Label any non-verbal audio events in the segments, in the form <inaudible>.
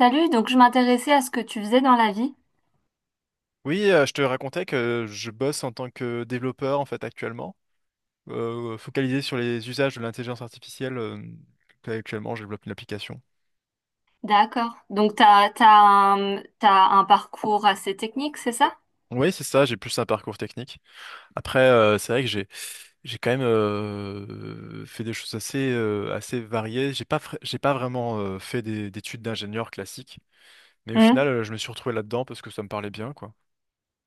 Salut, donc je m'intéressais à ce que tu faisais dans la vie. Oui, je te racontais que je bosse en tant que développeur en fait actuellement, focalisé sur les usages de l'intelligence artificielle. Actuellement, je développe une application. D'accord. Donc t'as un parcours assez technique, c'est ça? Oui, c'est ça, j'ai plus un parcours technique. Après, c'est vrai que j'ai quand même fait des choses assez assez variées. J'ai pas vraiment fait des d'études d'ingénieur classique, mais au Hmm. final, je me suis retrouvé là-dedans parce que ça me parlait bien, quoi.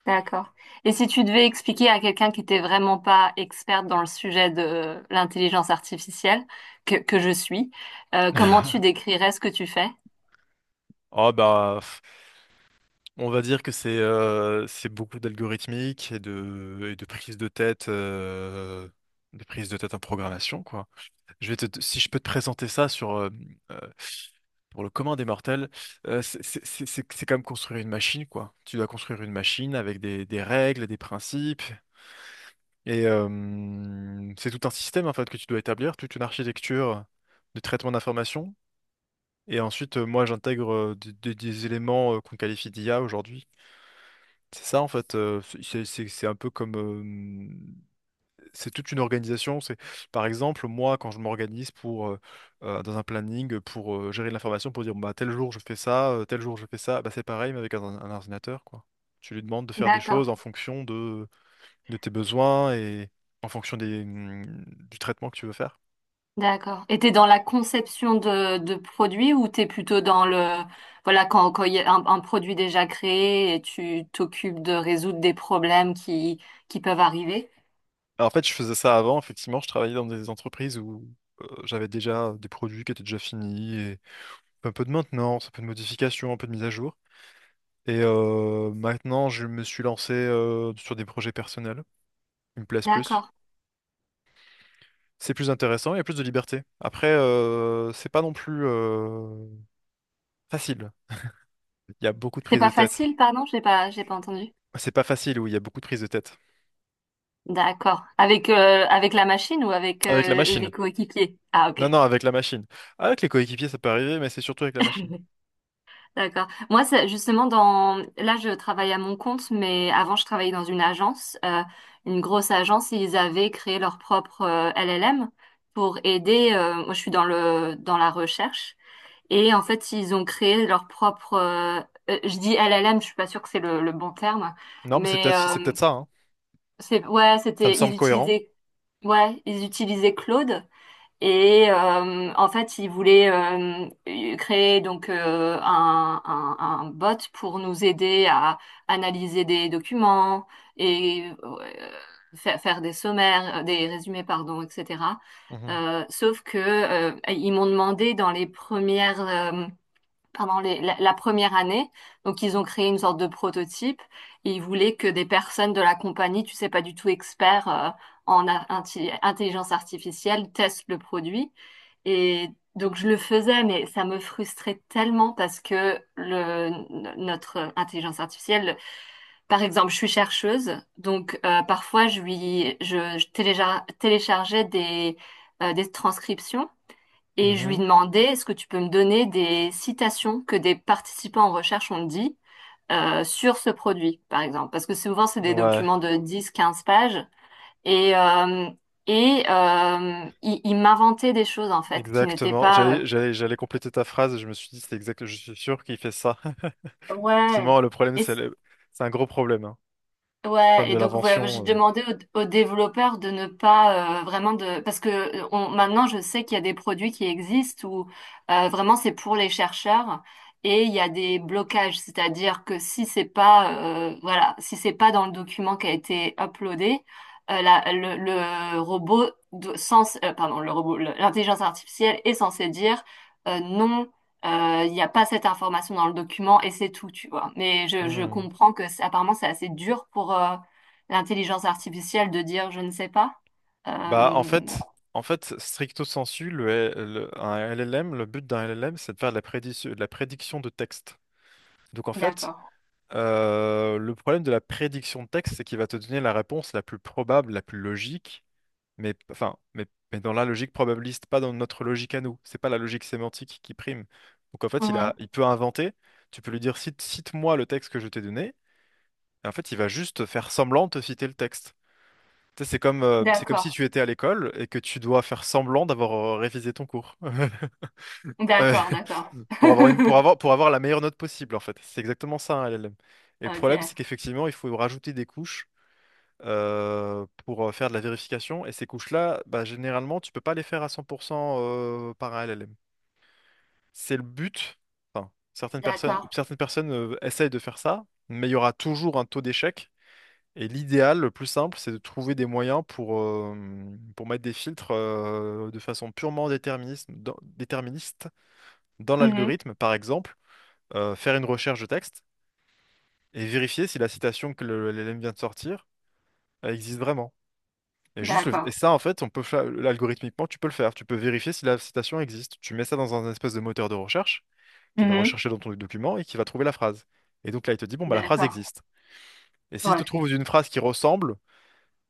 D'accord. Et si tu devais expliquer à quelqu'un qui n'était vraiment pas experte dans le sujet de l'intelligence artificielle, que je suis, comment <laughs> tu décrirais ce que tu fais? Oh bah, on va dire que c'est beaucoup d'algorithmique et de prise de tête, de prise de tête en programmation, quoi. Si je peux te présenter ça sur, euh, pour le commun des mortels, c'est comme construire une machine, quoi. Tu dois construire une machine avec des règles, des principes, et c'est tout un système, en fait, que tu dois établir, toute une architecture de traitement d'information. Et ensuite, moi, j'intègre des éléments qu'on qualifie d'IA aujourd'hui. C'est ça en fait, c'est un peu comme c'est toute une organisation. C'est par exemple moi quand je m'organise pour dans un planning pour gérer de l'information pour dire bah tel jour je fais ça, tel jour je fais ça, bah c'est pareil mais avec un ordinateur quoi. Tu lui demandes de faire des choses en D'accord. fonction de tes besoins et en fonction des du traitement que tu veux faire. D'accord. Et t'es dans la conception de produits ou t'es plutôt dans le, voilà, quand il y a un produit déjà créé et tu t'occupes de résoudre des problèmes qui peuvent arriver? Alors, en fait, je faisais ça avant, effectivement, je travaillais dans des entreprises où j'avais déjà des produits qui étaient déjà finis et un peu de maintenance, un peu de modification, un peu de mise à jour. Et maintenant, je me suis lancé sur des projets personnels qui me plaisent plus. D'accord. C'est plus intéressant, il y a plus de liberté. Après, c'est pas non plus facile. Il y a beaucoup de C'est prises de pas tête. facile, pardon, j'ai pas entendu. C'est pas facile, oui, il y a beaucoup de prises de tête. D'accord. Avec la machine ou avec, Avec la machine. les coéquipiers? Ah, ok. Non, non, avec la machine. Avec les coéquipiers, ça peut arriver, mais c'est surtout avec la machine. <laughs> D'accord. Moi, c'est justement Là, je travaille à mon compte, mais avant, je travaillais dans une agence, une grosse agence. Ils avaient créé leur propre LLM pour aider. Moi, je suis dans la recherche. Et en fait, ils ont créé leur propre. Je dis LLM, je suis pas sûre que c'est le bon terme, Non, mais c'est mais peut-être c'est peut-être ça, hein. c'est ouais, Ça me c'était ils semble cohérent. utilisaient ouais, ils utilisaient Claude et en fait, ils voulaient créer donc un bot pour nous aider à analyser des documents et faire des sommaires, des résumés, pardon, etc. Mhm. Sauf que ils m'ont demandé dans les premières pendant la première année. Donc, ils ont créé une sorte de prototype et ils voulaient que des personnes de la compagnie, tu sais, pas du tout experts intelligence artificielle, testent le produit. Et donc, je le faisais, mais ça me frustrait tellement parce que notre intelligence artificielle, par exemple, je suis chercheuse, donc parfois, je, lui, je téléchargeais des transcriptions. Et je lui demandais, est-ce que tu peux me donner des citations que des participants en recherche ont dit sur ce produit, par exemple? Parce que souvent, c'est Mhm. des Ouais, documents de 10, 15 pages. Et, il m'inventait des choses, en fait, qui n'étaient exactement. pas... J'allais compléter ta phrase et je me suis dit, c'est exact, je suis sûr qu'il fait ça. <laughs> Ouais. Effectivement, le problème, Et c'est un gros problème, hein. Ouais, Problème et de donc ouais, moi, j'ai l'invention. demandé aux développeurs de ne pas vraiment de parce que maintenant je sais qu'il y a des produits qui existent où vraiment c'est pour les chercheurs et il y a des blocages, c'est-à-dire que si c'est pas voilà, si c'est pas dans le document qui a été uploadé, le robot do- sans pardon, l'intelligence artificielle est censée dire non, il n'y a pas cette information dans le document et c'est tout, tu vois. Mais je Hmm. comprends que apparemment c'est assez dur pour l'intelligence artificielle de dire je ne sais pas. Bah, en Euh, fait, En fait, stricto sensu, un LLM, le but d'un LLM, c'est de faire de la prédiction, de la prédiction de texte. Donc, en fait, d'accord. Le problème de la prédiction de texte, c'est qu'il va te donner la réponse la plus probable, la plus logique, mais, enfin, mais, mais dans la logique probabiliste, pas dans notre logique à nous. C'est pas la logique sémantique qui prime. Donc, en fait, Mhm. il peut inventer. Tu peux lui dire, cite-moi le texte que je t'ai donné. Et en fait, il va juste faire semblant de te citer le texte. Tu sais, c'est comme, c'est comme si D'accord. tu étais à l'école et que tu dois faire semblant d'avoir révisé ton cours. <laughs> Euh, D'accord, d'accord. pour avoir une, pour <laughs> avoir, Pour avoir la meilleure note possible, en fait. C'est exactement ça, un LLM. Et le problème, c'est Ok. qu'effectivement, il faut rajouter des couches pour faire de la vérification. Et ces couches-là, bah, généralement, tu peux pas les faire à 100% par un LLM. C'est le but. Enfin, D'accord. certaines personnes essayent de faire ça, mais il y aura toujours un taux d'échec. Et l'idéal, le plus simple, c'est de trouver des moyens pour mettre des filtres de façon purement déterministe déterministe dans Mhm. l'algorithme. Par exemple, faire une recherche de texte et vérifier si la citation que l'LM vient de sortir, elle existe vraiment. Et D'accord. ça, en fait, algorithmiquement, tu peux le faire. Tu peux vérifier si la citation existe. Tu mets ça dans un espèce de moteur de recherche qui va Mhm. rechercher dans ton document et qui va trouver la phrase. Et donc là, il te dit, bon, bah, la phrase D'accord. existe. Et s'il te Ouais. trouve une phrase qui ressemble,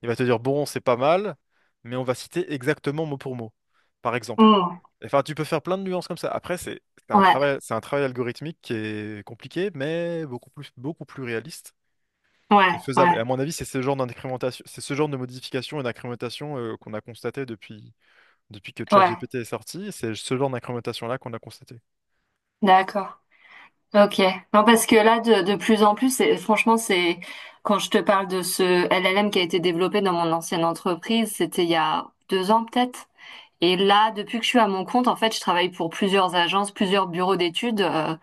il va te dire, bon, c'est pas mal, mais on va citer exactement mot pour mot, par exemple. Mhm. Enfin, tu peux faire plein de nuances comme ça. Après, Ouais. C'est un travail algorithmique qui est compliqué, mais beaucoup plus réaliste et Ouais. faisable. Ouais. Et à mon avis, c'est ce genre d'incrémentation, c'est ce genre de modification et d'incrémentation qu'on a constaté depuis, depuis que Ouais. ChatGPT est sorti. C'est ce genre d'incrémentation-là qu'on a constaté. D'accord. Ok. Non, parce que là, de plus en plus, c'est, franchement, c'est quand je te parle de ce LLM qui a été développé dans mon ancienne entreprise, c'était il y a 2 ans peut-être. Et là, depuis que je suis à mon compte, en fait, je travaille pour plusieurs agences, plusieurs bureaux d'études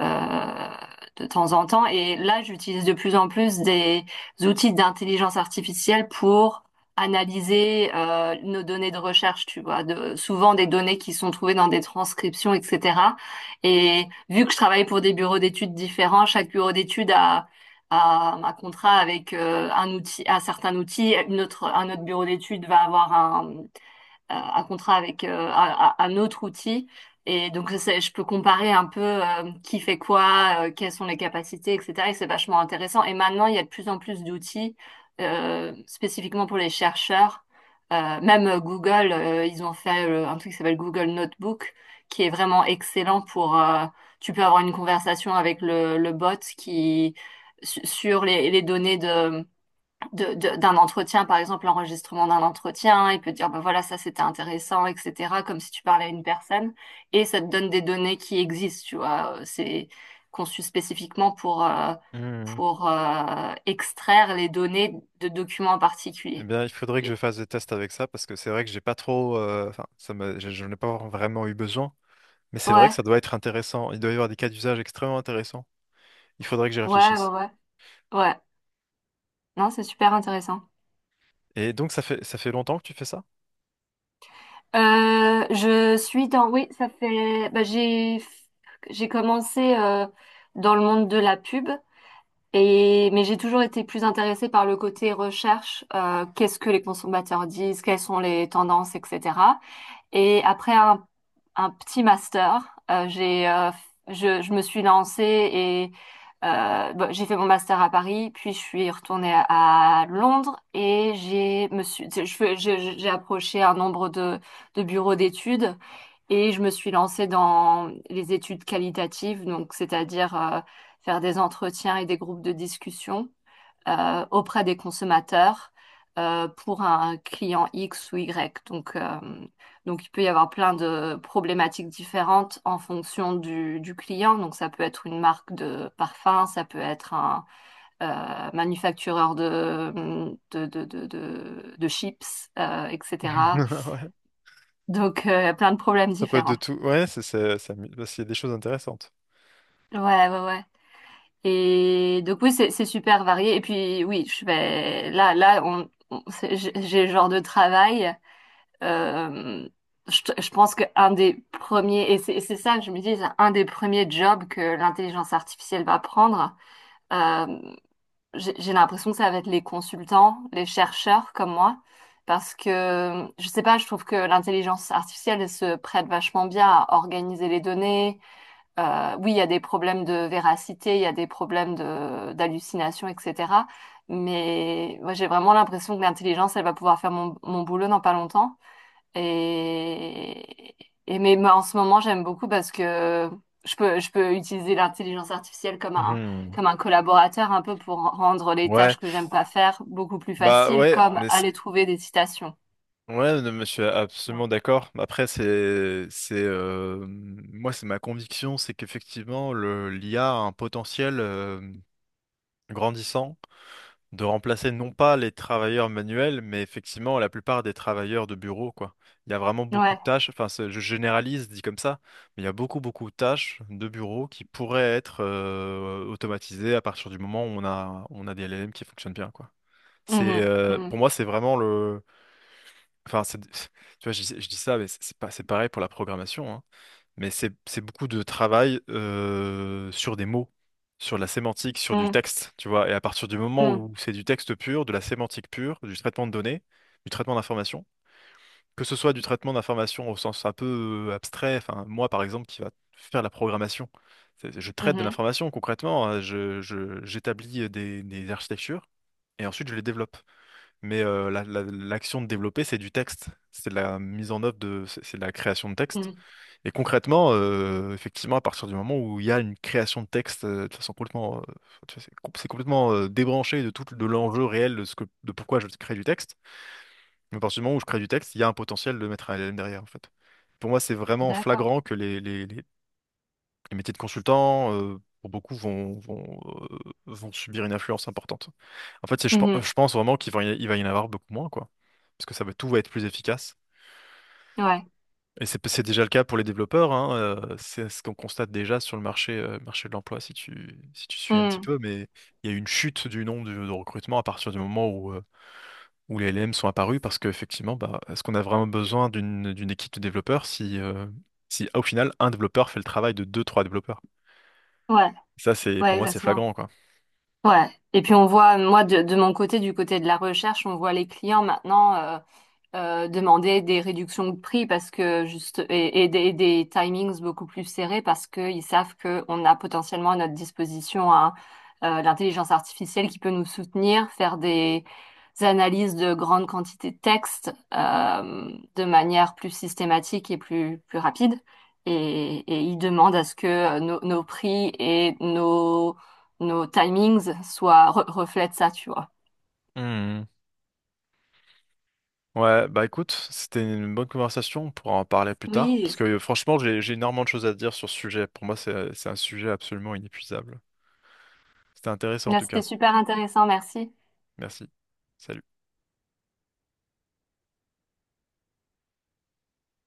euh, de temps en temps. Et là, j'utilise de plus en plus des outils d'intelligence artificielle pour analyser nos données de recherche, tu vois, souvent des données qui sont trouvées dans des transcriptions, etc. Et vu que je travaille pour des bureaux d'études différents, chaque bureau d'études a à un contrat avec un outil, un certain outil, un autre bureau d'études va avoir à contrat avec un autre outil. Et donc, je peux comparer un peu qui fait quoi, quelles sont les capacités, etc. Et c'est vachement intéressant. Et maintenant, il y a de plus en plus d'outils spécifiquement pour les chercheurs. Même Google, ils ont fait un truc qui s'appelle Google Notebook, qui est vraiment excellent Tu peux avoir une conversation avec le bot qui, sur les données d'un entretien, par exemple, l'enregistrement d'un entretien, il peut dire, ben voilà, ça c'était intéressant, etc., comme si tu parlais à une personne, et ça te donne des données qui existent, tu vois, c'est conçu spécifiquement pour, euh, Hmm. pour euh, extraire les données de documents en Eh particulier. bien, il faudrait que Et- je fasse des tests avec ça parce que c'est vrai que j'ai pas trop, enfin, je n'ai pas vraiment eu besoin. Mais c'est vrai que Ouais, ça doit être intéressant. Il doit y avoir des cas d'usage extrêmement intéressants. Il faudrait que j'y ouais, ouais, réfléchisse. ouais, ouais, non, c'est super intéressant. Et donc, ça fait longtemps que tu fais ça? Je suis dans, oui, ça fait, bah, j'ai commencé dans le monde de la pub. Mais j'ai toujours été plus intéressée par le côté recherche, qu'est-ce que les consommateurs disent, quelles sont les tendances, etc. Et après un petit master, euh, j'ai, euh, je me suis lancée bon, j'ai fait mon master à Paris, puis je suis retournée à Londres et j'ai me suis, je fais- je- j'ai approché un nombre de bureaux d'études et je me suis lancée dans les études qualitatives, donc c'est-à-dire faire des entretiens et des groupes de discussion auprès des consommateurs pour un client X ou Y. Donc, il peut y avoir plein de problématiques différentes en fonction du client. Donc ça peut être une marque de parfum, ça peut être un manufactureur de chips, etc. <laughs> Ouais. Donc plein de problèmes Ça peut être de différents. tout. Ouais, ça, parce qu'il y a des choses intéressantes. Ouais, ouais, ouais. Et donc oui, c'est super varié. Et puis oui, je vais là, j'ai le genre de travail. Euh, je pense qu'un des premiers, et c'est ça que je me dis, c'est un des premiers jobs que l'intelligence artificielle va prendre. Euh, j'ai l'impression que ça va être les consultants, les chercheurs comme moi, parce que, je sais pas, je trouve que l'intelligence artificielle elle se prête vachement bien à organiser les données. Oui, il y a des problèmes de véracité, il y a des problèmes d'hallucination, etc. Mais moi, j'ai vraiment l'impression que l'intelligence, elle va pouvoir faire mon boulot dans pas longtemps. Et, mais moi, en ce moment, j'aime beaucoup parce que je peux utiliser l'intelligence artificielle Mhm. comme un collaborateur un peu pour rendre les Ouais. tâches que j'aime pas faire beaucoup plus Bah faciles, ouais, comme mais c'est- aller trouver des citations. ouais, non, mais je suis absolument d'accord. Après, c'est moi, c'est ma conviction, c'est qu'effectivement, le l'IA a un potentiel grandissant de remplacer non pas les travailleurs manuels, mais effectivement la plupart des travailleurs de bureau, quoi. Il y a vraiment beaucoup Ouais. de tâches. Enfin, je généralise, dit comme ça, mais il y a beaucoup de tâches de bureau qui pourraient être automatisées à partir du moment où on a des LLM qui fonctionnent bien, quoi. C'est Mhm. Pour Mhm. moi, c'est vraiment le… Enfin, tu vois, je dis ça, mais c'est pas, c'est pareil pour la programmation, hein. Mais c'est beaucoup de travail sur des mots, sur de la sémantique, sur du Mhm. texte, tu vois. Et à partir du moment Mhm. où c'est du texte pur, de la sémantique pure, du traitement de données, du traitement d'informations, que ce soit du traitement d'informations au sens un peu abstrait, enfin, moi par exemple, qui va faire la programmation, je traite de Mhm. l'information concrètement, hein. J'établis des architectures et ensuite je les développe. Mais l'action de développer, c'est du texte. C'est de la mise en œuvre de, c'est de la création de texte. Mhm. Et concrètement, effectivement, à partir du moment où il y a une création de texte de façon complètement, tu vois, c'est complètement débranché de tout, de l'enjeu réel de ce que, de pourquoi je crée du texte. Mais à partir du moment où je crée du texte, il y a un potentiel de mettre un L L M derrière, en fait. Pour moi, c'est vraiment D'accord. flagrant que les métiers de consultant, pour beaucoup, euh, vont subir une influence importante. En fait, Mhm. je pense vraiment qu'il va, il va y en avoir beaucoup moins, quoi. Parce que ça va, tout va être plus efficace. Ouais. Et c'est déjà le cas pour les développeurs, hein, c'est ce qu'on constate déjà sur le marché, marché de l'emploi, si si tu suis un petit Mhm. peu, mais il y a eu une chute du nombre de recrutements à partir du moment où, où les LLM sont apparus, parce qu'effectivement, bah, est-ce qu'on a vraiment besoin d'une équipe de développeurs si, si au final, un développeur fait le travail de deux, trois développeurs? Ouais. Ça, pour Ouais, moi, c'est exactement. flagrant, quoi. Ouais. Et puis on voit, moi, de mon côté, du côté de la recherche, on voit les clients maintenant, demander des réductions de prix parce que juste et des timings beaucoup plus serrés parce qu'ils savent qu'on a potentiellement à notre disposition hein, l'intelligence artificielle qui peut nous soutenir, faire des analyses de grandes quantités de textes de manière plus systématique et plus rapide. Et ils demandent à ce que nos prix et nos timings soient reflètent ça, tu vois. Hmm. Ouais, bah écoute, c'était une bonne conversation, on pourra en parler plus tard, parce Oui, que franchement, j'ai énormément de choses à dire sur ce sujet. Pour moi, c'est un sujet absolument inépuisable. C'était intéressant en là, tout c'était cas. super intéressant, merci. Merci. Salut.